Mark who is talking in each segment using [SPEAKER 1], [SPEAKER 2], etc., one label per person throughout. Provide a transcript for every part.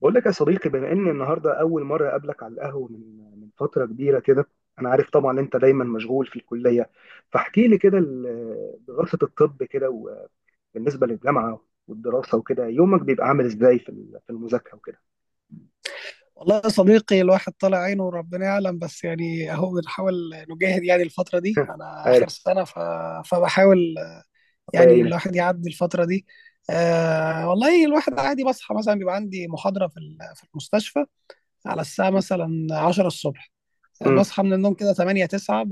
[SPEAKER 1] بقول لك يا صديقي، بما ان النهارده اول مره اقابلك على القهوه من فتره كبيره كده. انا عارف طبعا انت دايما مشغول في الكليه، فاحكي لي كده دراسه الطب كده وبالنسبه للجامعه والدراسه وكده. يومك بيبقى عامل ازاي في في المذاكره وكده؟
[SPEAKER 2] والله يا صديقي الواحد طالع عينه وربنا يعلم، بس يعني اهو بنحاول نجاهد، يعني الفترة دي انا
[SPEAKER 1] عارف.
[SPEAKER 2] اخر سنة فبحاول
[SPEAKER 1] الله
[SPEAKER 2] يعني
[SPEAKER 1] يعينك.
[SPEAKER 2] الواحد يعدي الفترة دي. آه والله الواحد عادي بصحى مثلا، بيبقى عندي محاضرة في المستشفى على الساعة مثلا 10 الصبح،
[SPEAKER 1] امم
[SPEAKER 2] بصحى من النوم كده 8 9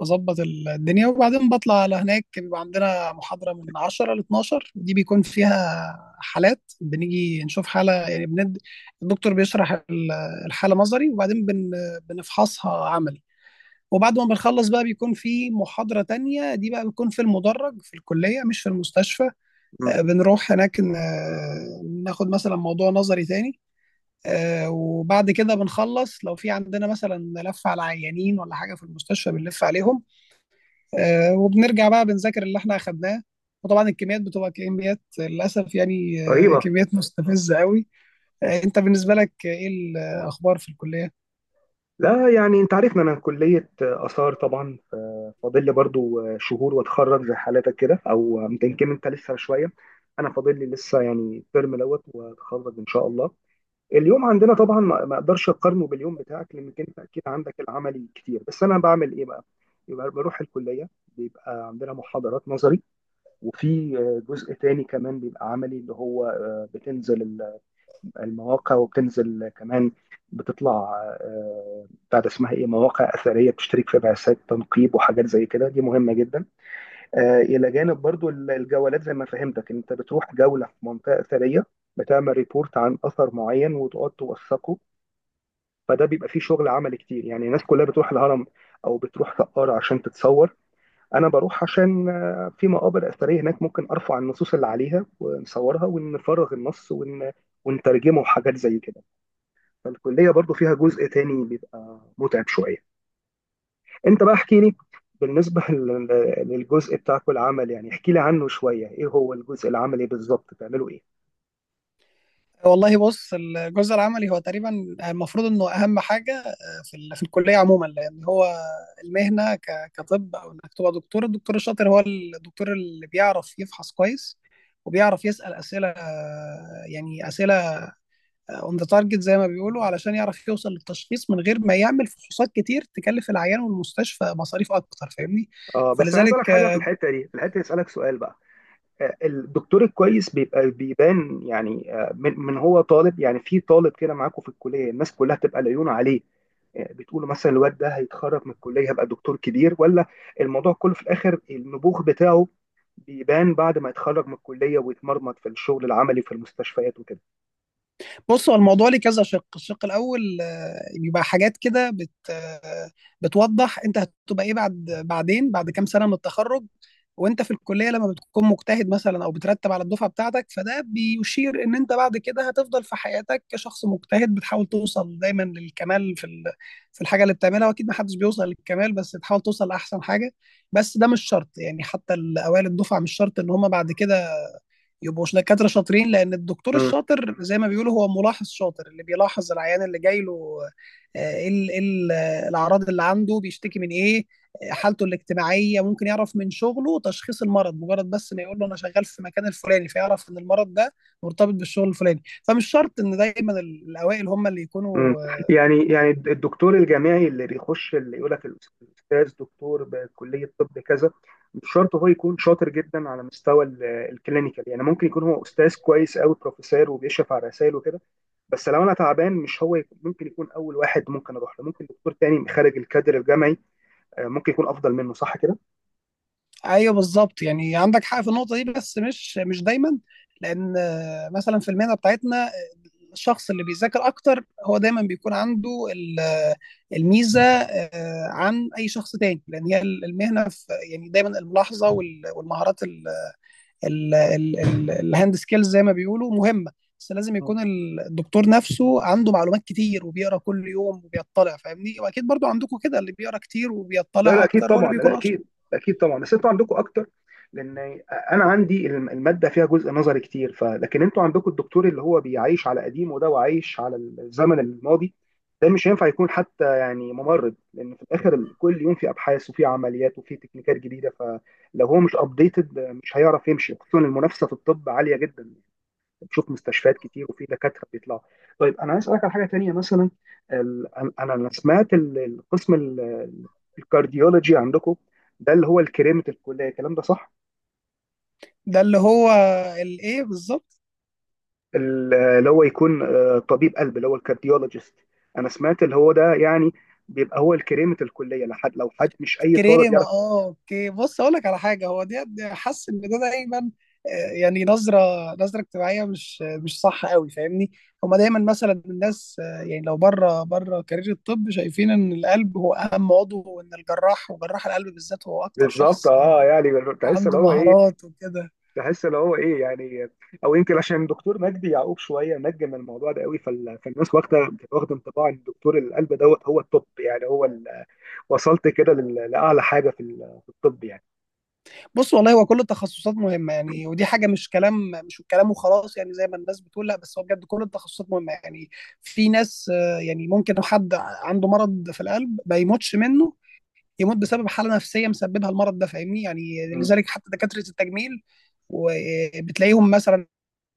[SPEAKER 2] بظبط الدنيا، وبعدين بطلع على هناك. بيبقى عندنا محاضرة من 10 ل 12، دي بيكون فيها حالات، بنيجي نشوف حالة يعني الدكتور بيشرح الحالة نظري، وبعدين بنفحصها عملي. وبعد ما بنخلص بقى بيكون في محاضرة تانية، دي بقى بتكون في المدرج في الكلية مش في المستشفى.
[SPEAKER 1] أمم.
[SPEAKER 2] بنروح هناك ناخد مثلا موضوع نظري تاني. وبعد كده بنخلص لو في عندنا مثلا لف على عيانين ولا حاجه في المستشفى بنلف عليهم. وبنرجع بقى بنذاكر اللي احنا اخدناه، وطبعا الكميات بتبقى كميات للاسف يعني.
[SPEAKER 1] رهيبه.
[SPEAKER 2] كميات مستفزه قوي. انت بالنسبه لك ايه الاخبار في الكليه؟
[SPEAKER 1] لا يعني انت عارفنا، انا كليه اثار طبعا، فاضل لي برضو شهور واتخرج زي حالتك كده، او يمكن انت لسه شويه. انا فاضل لي لسه يعني الترم دوت واتخرج ان شاء الله. اليوم عندنا طبعا ما اقدرش اقارنه باليوم بتاعك، لانك انت اكيد عندك العملي كتير، بس انا بعمل ايه بقى. يبقى بروح الكليه، بيبقى عندنا محاضرات نظري، وفي جزء تاني كمان بيبقى عملي اللي هو بتنزل المواقع وبتنزل كمان، بتطلع بتاع ده اسمها ايه، مواقع اثريه، بتشترك في بعثات تنقيب وحاجات زي كده، دي مهمه جدا. الى جانب برضو الجولات، زي ما فهمتك انت بتروح جوله في منطقه اثريه، بتعمل ريبورت عن اثر معين وتقعد توثقه. فده بيبقى فيه شغل عمل كتير. يعني الناس كلها بتروح الهرم او بتروح سقارة عشان تتصور، انا بروح عشان في مقابر اثريه هناك ممكن ارفع النصوص اللي عليها، ونصورها ونترجمه وحاجات زي كده. فالكليه برضو فيها جزء تاني بيبقى متعب شويه. انت بقى احكي لي، بالنسبه للجزء بتاعك العمل، يعني احكي لي عنه شويه، ايه هو الجزء العملي بالظبط؟ بتعملوا ايه؟
[SPEAKER 2] والله بص، الجزء العملي هو تقريبا المفروض انه اهم حاجه في الكليه عموما، لان هو المهنه كطب، او انك تبقى دكتور. الدكتور الشاطر هو الدكتور اللي بيعرف يفحص كويس، وبيعرف يسال اسئله، يعني اسئله اون ذا تارجت زي ما بيقولوا، علشان يعرف يوصل للتشخيص من غير ما يعمل فحوصات كتير تكلف العيان والمستشفى مصاريف اكتر، فاهمني؟
[SPEAKER 1] اه، بس انا عايز
[SPEAKER 2] فلذلك
[SPEAKER 1] اسالك حاجه في الحته دي، اسالك سؤال بقى. الدكتور الكويس بيبقى بيبان يعني من هو طالب، يعني في طالب كده معاكم في الكليه الناس كلها تبقى العيون عليه، بتقولوا مثلا الواد ده هيتخرج من الكليه هيبقى دكتور كبير، ولا الموضوع كله في الاخر النبوغ بتاعه بيبان بعد ما يتخرج من الكليه ويتمرمط في الشغل العملي في المستشفيات وكده؟
[SPEAKER 2] بص، هو الموضوع ليه كذا شق. الشق الاول بيبقى حاجات كده بت آه، بتوضح انت هتبقى ايه بعد، بعدين بعد كام سنه من التخرج. وانت في الكليه لما بتكون مجتهد مثلا او بترتب على الدفعه بتاعتك، فده بيشير ان انت بعد كده هتفضل في حياتك كشخص مجتهد بتحاول توصل دايما للكمال في الحاجه اللي بتعملها. واكيد ما حدش بيوصل للكمال، بس تحاول توصل لاحسن حاجه. بس ده مش شرط يعني، حتى الاوائل الدفعه مش شرط ان هم بعد كده يبقوا دكاترة شاطرين، لأن الدكتور الشاطر زي ما بيقولوا هو ملاحظ شاطر، اللي بيلاحظ العيان اللي جاي له ايه ال- إيه ال- آه، الأعراض اللي عنده، بيشتكي من ايه، حالته الاجتماعية، ممكن يعرف من شغله تشخيص المرض. مجرد بس ما يقول له أنا شغال في المكان الفلاني، فيعرف إن المرض ده مرتبط بالشغل الفلاني. فمش شرط إن دايما الأوائل هم اللي
[SPEAKER 1] مم.
[SPEAKER 2] يكونوا
[SPEAKER 1] يعني الدكتور الجامعي اللي بيخش اللي يقول لك الاستاذ دكتور بكليه طب كذا، مش شرط هو يكون شاطر جدا على مستوى الكلينيكال. يعني ممكن يكون هو استاذ كويس قوي، بروفيسور وبيشرف على رسائل وكده، بس لو انا تعبان مش هو يكون ممكن يكون اول واحد ممكن اروح له، ممكن دكتور تاني خارج الكادر الجامعي ممكن يكون افضل منه، صح كده؟
[SPEAKER 2] ايوه بالظبط يعني، عندك حق في النقطه دي، بس مش دايما، لان مثلا في المهنه بتاعتنا الشخص اللي بيذاكر اكتر هو دايما بيكون عنده ال- آه، الميزه عن اي شخص تاني، لان هي المهنه في، يعني دايما الملاحظه والمهارات الهاند سكيلز زي ما بيقولوا مهمه. بس لازم يكون الدكتور نفسه عنده معلومات كتير وبيقرا كل يوم وبيطلع، فاهمني؟ واكيد برضو عندكم كده، اللي بيقرا كتير
[SPEAKER 1] لا
[SPEAKER 2] وبيطلع
[SPEAKER 1] لا اكيد
[SPEAKER 2] اكتر هو اللي
[SPEAKER 1] طبعا،
[SPEAKER 2] بيكون.
[SPEAKER 1] لا اكيد، اكيد طبعا. بس انتوا عندكم اكتر، لان انا عندي الماده فيها جزء نظري كتير ف، لكن انتوا عندكم الدكتور اللي هو بيعيش على قديمه ده وعايش على الزمن الماضي، ده مش هينفع يكون حتى يعني ممرض. لان في الاخر كل يوم في ابحاث وفي عمليات وفي تكنيكات جديده، فلو هو مش ابديتد مش هيعرف يمشي، خصوصا المنافسه في الطب عاليه جدا، بتشوف مستشفيات كتير وفي دكاتره بيطلعوا. طيب انا عايز اسالك على حاجه تانيه مثلا، أنا سمعت القسم الكارديولوجي عندكم ده اللي هو الكريمه الكليه، الكلام ده صح؟
[SPEAKER 2] ده اللي هو الايه بالظبط؟
[SPEAKER 1] اللي هو يكون طبيب قلب اللي هو الكارديولوجيست، انا سمعت اللي هو ده يعني بيبقى هو الكريمه الكليه لحد، لو حد مش اي طالب
[SPEAKER 2] كريمه،
[SPEAKER 1] يعرف.
[SPEAKER 2] اه اوكي. بص اقول لك على حاجه، هو دي حاسس ان ده دايما يعني نظره، نظره اجتماعيه مش صح قوي، فاهمني؟ هما دايما مثلا الناس يعني لو بره بره كارير الطب شايفين ان القلب هو اهم عضو، وان الجراح وجراح القلب بالذات هو اكتر
[SPEAKER 1] بالظبط،
[SPEAKER 2] شخص
[SPEAKER 1] اه يعني تحس اللي
[SPEAKER 2] عنده
[SPEAKER 1] هو ايه،
[SPEAKER 2] مهارات وكده.
[SPEAKER 1] تحس اللي هو ايه يعني او يمكن عشان دكتور مجدي يعقوب شويه نجم الموضوع ده قوي فالناس واخده انطباع ان دكتور القلب دوت هو التوب، يعني هو وصلت كده لاعلى حاجه في في الطب يعني.
[SPEAKER 2] بص والله هو كل التخصصات مهمة يعني، ودي حاجة مش كلام، مش كلام وخلاص يعني زي ما الناس بتقول، لا بس هو بجد كل التخصصات مهمة يعني. في ناس يعني ممكن لو حد عنده مرض في القلب ما يموتش منه، يموت بسبب حالة نفسية مسببها المرض ده، فاهمني يعني؟
[SPEAKER 1] امم
[SPEAKER 2] لذلك حتى دكاترة التجميل، وبتلاقيهم مثلا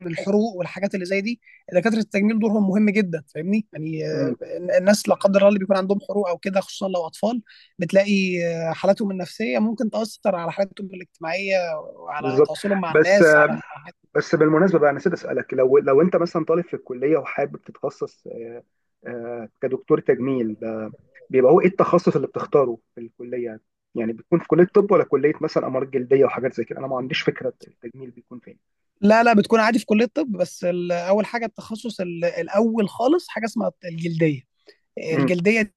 [SPEAKER 2] الحروق والحاجات اللي زي دي، دكاتره التجميل دورهم مهم جدا، فاهمني يعني؟
[SPEAKER 1] امم.
[SPEAKER 2] الناس لا قدر الله اللي بيكون عندهم حروق او كده، خصوصا لو اطفال، بتلاقي حالاتهم النفسيه ممكن تاثر على حالاتهم الاجتماعيه وعلى
[SPEAKER 1] بالظبط.
[SPEAKER 2] تواصلهم مع
[SPEAKER 1] بس
[SPEAKER 2] الناس على.
[SPEAKER 1] بس بالمناسبه بقى، أنا نسيت اسالك، لو انت مثلا طالب في الكليه وحابب تتخصص كدكتور تجميل ده، بيبقى هو ايه التخصص اللي بتختاره في الكليه؟ يعني بتكون في كليه طب، ولا كليه مثلا امراض جلديه وحاجات زي كده؟ انا ما عنديش فكره التجميل بيكون فين.
[SPEAKER 2] لا لا، بتكون عادي في كليه الطب. بس اول حاجه التخصص الاول خالص حاجه اسمها الجلديه. الجلديه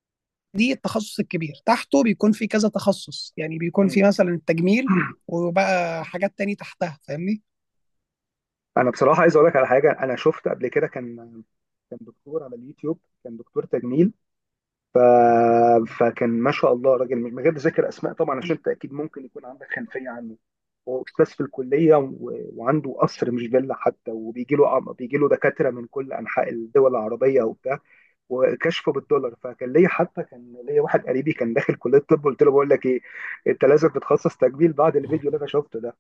[SPEAKER 2] دي التخصص الكبير، تحته بيكون في كذا تخصص، يعني بيكون
[SPEAKER 1] مم.
[SPEAKER 2] في مثلا التجميل، وبقى حاجات تاني تحتها، فاهمني؟
[SPEAKER 1] انا بصراحه عايز اقول لك على حاجه، انا شفت قبل كده كان دكتور على اليوتيوب، كان دكتور تجميل، فكان ما شاء الله راجل، من غير ذكر اسماء طبعا عشان انت اكيد ممكن يكون عندك خلفيه عنه، هو استاذ في الكليه وعنده قصر مش فيلا حتى، وبيجي له بيجي له دكاتره من كل انحاء الدول العربيه وبتاع، وكشفه بالدولار. فكان ليا حتى، كان ليا واحد قريبي كان داخل كليه طب، قلت له بقول لك ايه، انت لازم تتخصص تجميل بعد الفيديو اللي انا شفته ده،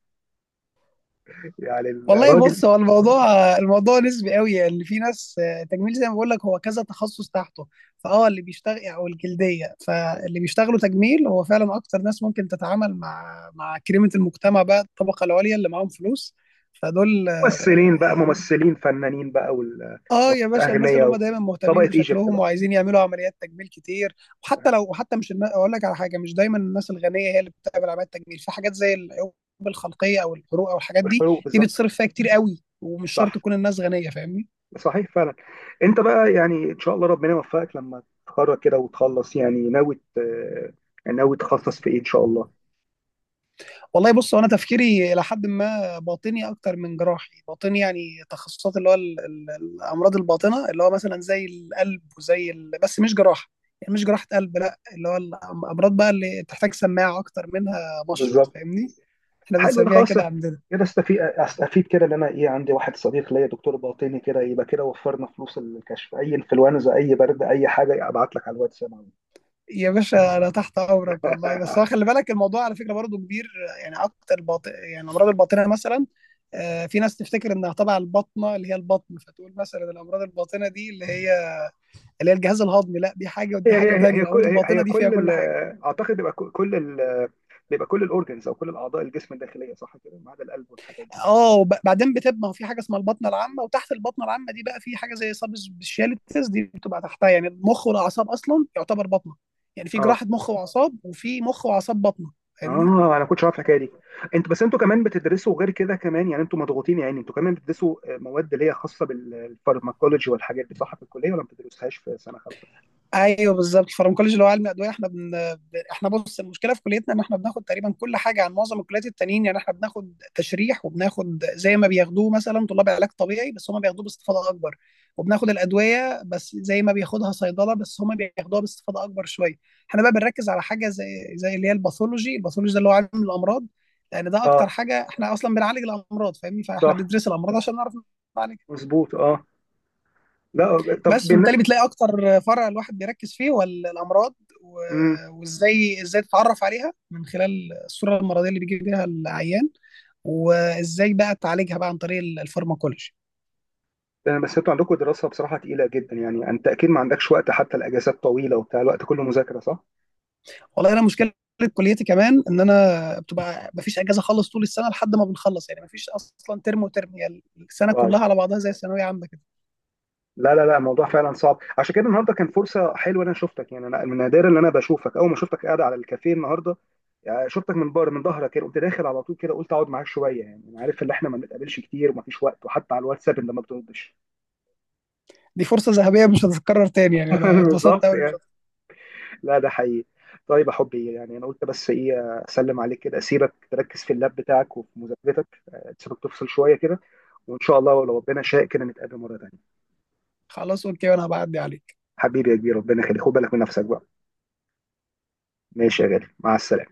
[SPEAKER 1] يعني
[SPEAKER 2] والله
[SPEAKER 1] الراجل.
[SPEAKER 2] بص هو الموضوع، الموضوع نسبي قوي يعني، اللي في ناس تجميل زي ما بقول لك هو كذا تخصص تحته، فاه اللي بيشتغل او الجلديه. فاللي بيشتغلوا تجميل هو فعلا اكتر ناس ممكن تتعامل مع كريمه المجتمع بقى، الطبقه العليا اللي معاهم فلوس. فدول
[SPEAKER 1] ممثلين بقى، ممثلين فنانين بقى،
[SPEAKER 2] اه يا باشا، الناس
[SPEAKER 1] اغنياء
[SPEAKER 2] اللي
[SPEAKER 1] أوي.
[SPEAKER 2] هم دايما مهتمين
[SPEAKER 1] طبقه ايجيبت
[SPEAKER 2] بشكلهم
[SPEAKER 1] بقى.
[SPEAKER 2] وعايزين يعملوا عمليات تجميل كتير. وحتى لو، وحتى مش اقول لك على حاجه، مش دايما الناس الغنيه هي اللي بتعمل عمليات تجميل، في حاجات زي العيوب الخلقيه او الحروق او الحاجات دي،
[SPEAKER 1] والحروق
[SPEAKER 2] دي
[SPEAKER 1] بالظبط.
[SPEAKER 2] بتصرف فيها كتير قوي ومش شرط
[SPEAKER 1] صح.
[SPEAKER 2] تكون الناس غنيه، فاهمني؟
[SPEAKER 1] صحيح فعلا. انت بقى يعني ان شاء الله ربنا يوفقك لما تتخرج كده وتخلص، يعني يعني ناوي تخصص في ايه ان شاء الله؟
[SPEAKER 2] والله بص هو انا تفكيري الى حد ما باطني اكتر من جراحي. باطني يعني تخصصات اللي هو الامراض الباطنه، اللي هو مثلا زي القلب وزي ال... بس مش جراحه، يعني مش جراحه قلب، لا اللي هو الامراض بقى اللي بتحتاج سماعه اكتر منها مشرط،
[SPEAKER 1] بالظبط.
[SPEAKER 2] فاهمني؟ احنا
[SPEAKER 1] حلو، انا
[SPEAKER 2] بنسميها
[SPEAKER 1] خلاص
[SPEAKER 2] كده عندنا.
[SPEAKER 1] كده، استفيد كده، ان انا ايه، عندي واحد صديق ليا دكتور باطني كده، يبقى كده وفرنا فلوس الكشف، اي انفلونزا اي برد اي حاجه ابعت لك على الواتساب على طول.
[SPEAKER 2] يا باشا انا تحت امرك والله، بس هو خلي بالك الموضوع على فكره برضه كبير، يعني اكتر باطن، يعني امراض الباطنه مثلا في ناس تفتكر انها تبع البطنه اللي هي البطن، فتقول مثلا الامراض الباطنه دي اللي هي، اللي هي الجهاز الهضمي. لا، دي حاجه
[SPEAKER 1] هي
[SPEAKER 2] ودي حاجه
[SPEAKER 1] هي
[SPEAKER 2] تانية،
[SPEAKER 1] هي كل
[SPEAKER 2] الامراض
[SPEAKER 1] هي
[SPEAKER 2] الباطنه
[SPEAKER 1] هي
[SPEAKER 2] دي فيها
[SPEAKER 1] كل
[SPEAKER 2] كل حاجه.
[SPEAKER 1] اعتقد بيبقى كل بيبقى كل الاورجنز، او كل الاعضاء الجسم الداخليه، صح كده، ما عدا القلب والحاجات.
[SPEAKER 2] اه بعدين بتبقى في حاجه اسمها البطنه العامه، وتحت البطنه العامه دي بقى في حاجه زي سب سبيشاليتيز دي بتبقى تحتها. يعني المخ والاعصاب اصلا يعتبر بطنه، يعني في
[SPEAKER 1] اه.
[SPEAKER 2] جراحه مخ واعصاب وفي مخ واعصاب بطنه، فاهمني؟
[SPEAKER 1] اه انا كنتش عارف الحكايه دي. انتوا بس انتوا كمان بتدرسوا غير كده كمان، يعني انتوا مضغوطين. يعني انتوا كمان بتدرسوا مواد اللي هي خاصه بالفارماكولوجي والحاجات دي، صح في الكليه ولا ما بتدرسوهاش في سنه 5؟
[SPEAKER 2] ايوه بالظبط الفارماكولوجي اللي هو علم الادويه، احنا بن- احنا بص، المشكله في كليتنا ان احنا بناخد تقريبا كل حاجه عن معظم الكليات التانيين. يعني احنا بناخد تشريح وبناخد زي ما بياخدوه مثلا طلاب علاج طبيعي بس هم بياخدوه باستفاضه اكبر، وبناخد الادويه بس زي ما بياخدها صيدله بس هم بياخدوها باستفاضه اكبر شويه. احنا بقى بنركز على حاجه زي اللي هي الباثولوجي. الباثولوجي ده اللي هو علم الامراض، لان ده اكتر
[SPEAKER 1] اه.
[SPEAKER 2] حاجه، احنا اصلا بنعالج الامراض، فاهمني؟ فاحنا
[SPEAKER 1] صح.
[SPEAKER 2] بندرس الامراض عشان نعرف نعالج.
[SPEAKER 1] مظبوط اه. لا طب
[SPEAKER 2] بس فبالتالي بتلاقي اكتر فرع الواحد بيركز فيه هو الامراض،
[SPEAKER 1] مم.
[SPEAKER 2] وازاي تتعرف عليها من خلال الصوره المرضيه اللي بيجي بيها العيان، وازاي بقى تعالجها بقى عن طريق الفارماكولوجي.
[SPEAKER 1] بس انتوا عندكم دراسه بصراحه تقيله جدا، يعني انت اكيد ما عندكش وقت، حتى الاجازات طويله وبتاع الوقت كله مذاكره، صح؟
[SPEAKER 2] والله انا مشكله كليتي كمان ان انا بتبقى مفيش اجازه خالص طول السنه لحد ما بنخلص، يعني مفيش اصلا ترم وترم، يعني السنه
[SPEAKER 1] واو.
[SPEAKER 2] كلها على بعضها زي ثانويه عامه كده.
[SPEAKER 1] لا الموضوع فعلا صعب. عشان كده النهارده كان فرصه حلوه إن انا شفتك، يعني انا من نادرا ان انا بشوفك، اول ما شفتك قاعد على الكافيه النهارده يعني، شفتك من بره من ظهرك كده، قمت داخل على طول كده، قلت اقعد معاك شويه، يعني انا عارف ان احنا ما بنتقابلش كتير ومفيش وقت، وحتى على الواتساب انت ما بتردش.
[SPEAKER 2] دي فرصه ذهبيه مش هتتكرر تاني يعني، انا اتبسطت
[SPEAKER 1] بالظبط
[SPEAKER 2] قوي.
[SPEAKER 1] يعني. لا ده حقيقي. طيب يا حبي، يعني انا قلت بس ايه، اسلم عليك كده، اسيبك تركز في اللاب بتاعك وفي مذاكرتك، تسيبك تفصل شويه كده، وان شاء الله لو ربنا شاء كده نتقابل مره تانيه.
[SPEAKER 2] خلاص اوكي وانا هبعدي عليه.
[SPEAKER 1] حبيبي يا كبير، ربنا يخليك، خد بالك من نفسك بقى. ماشي يا غالي، مع السلامه.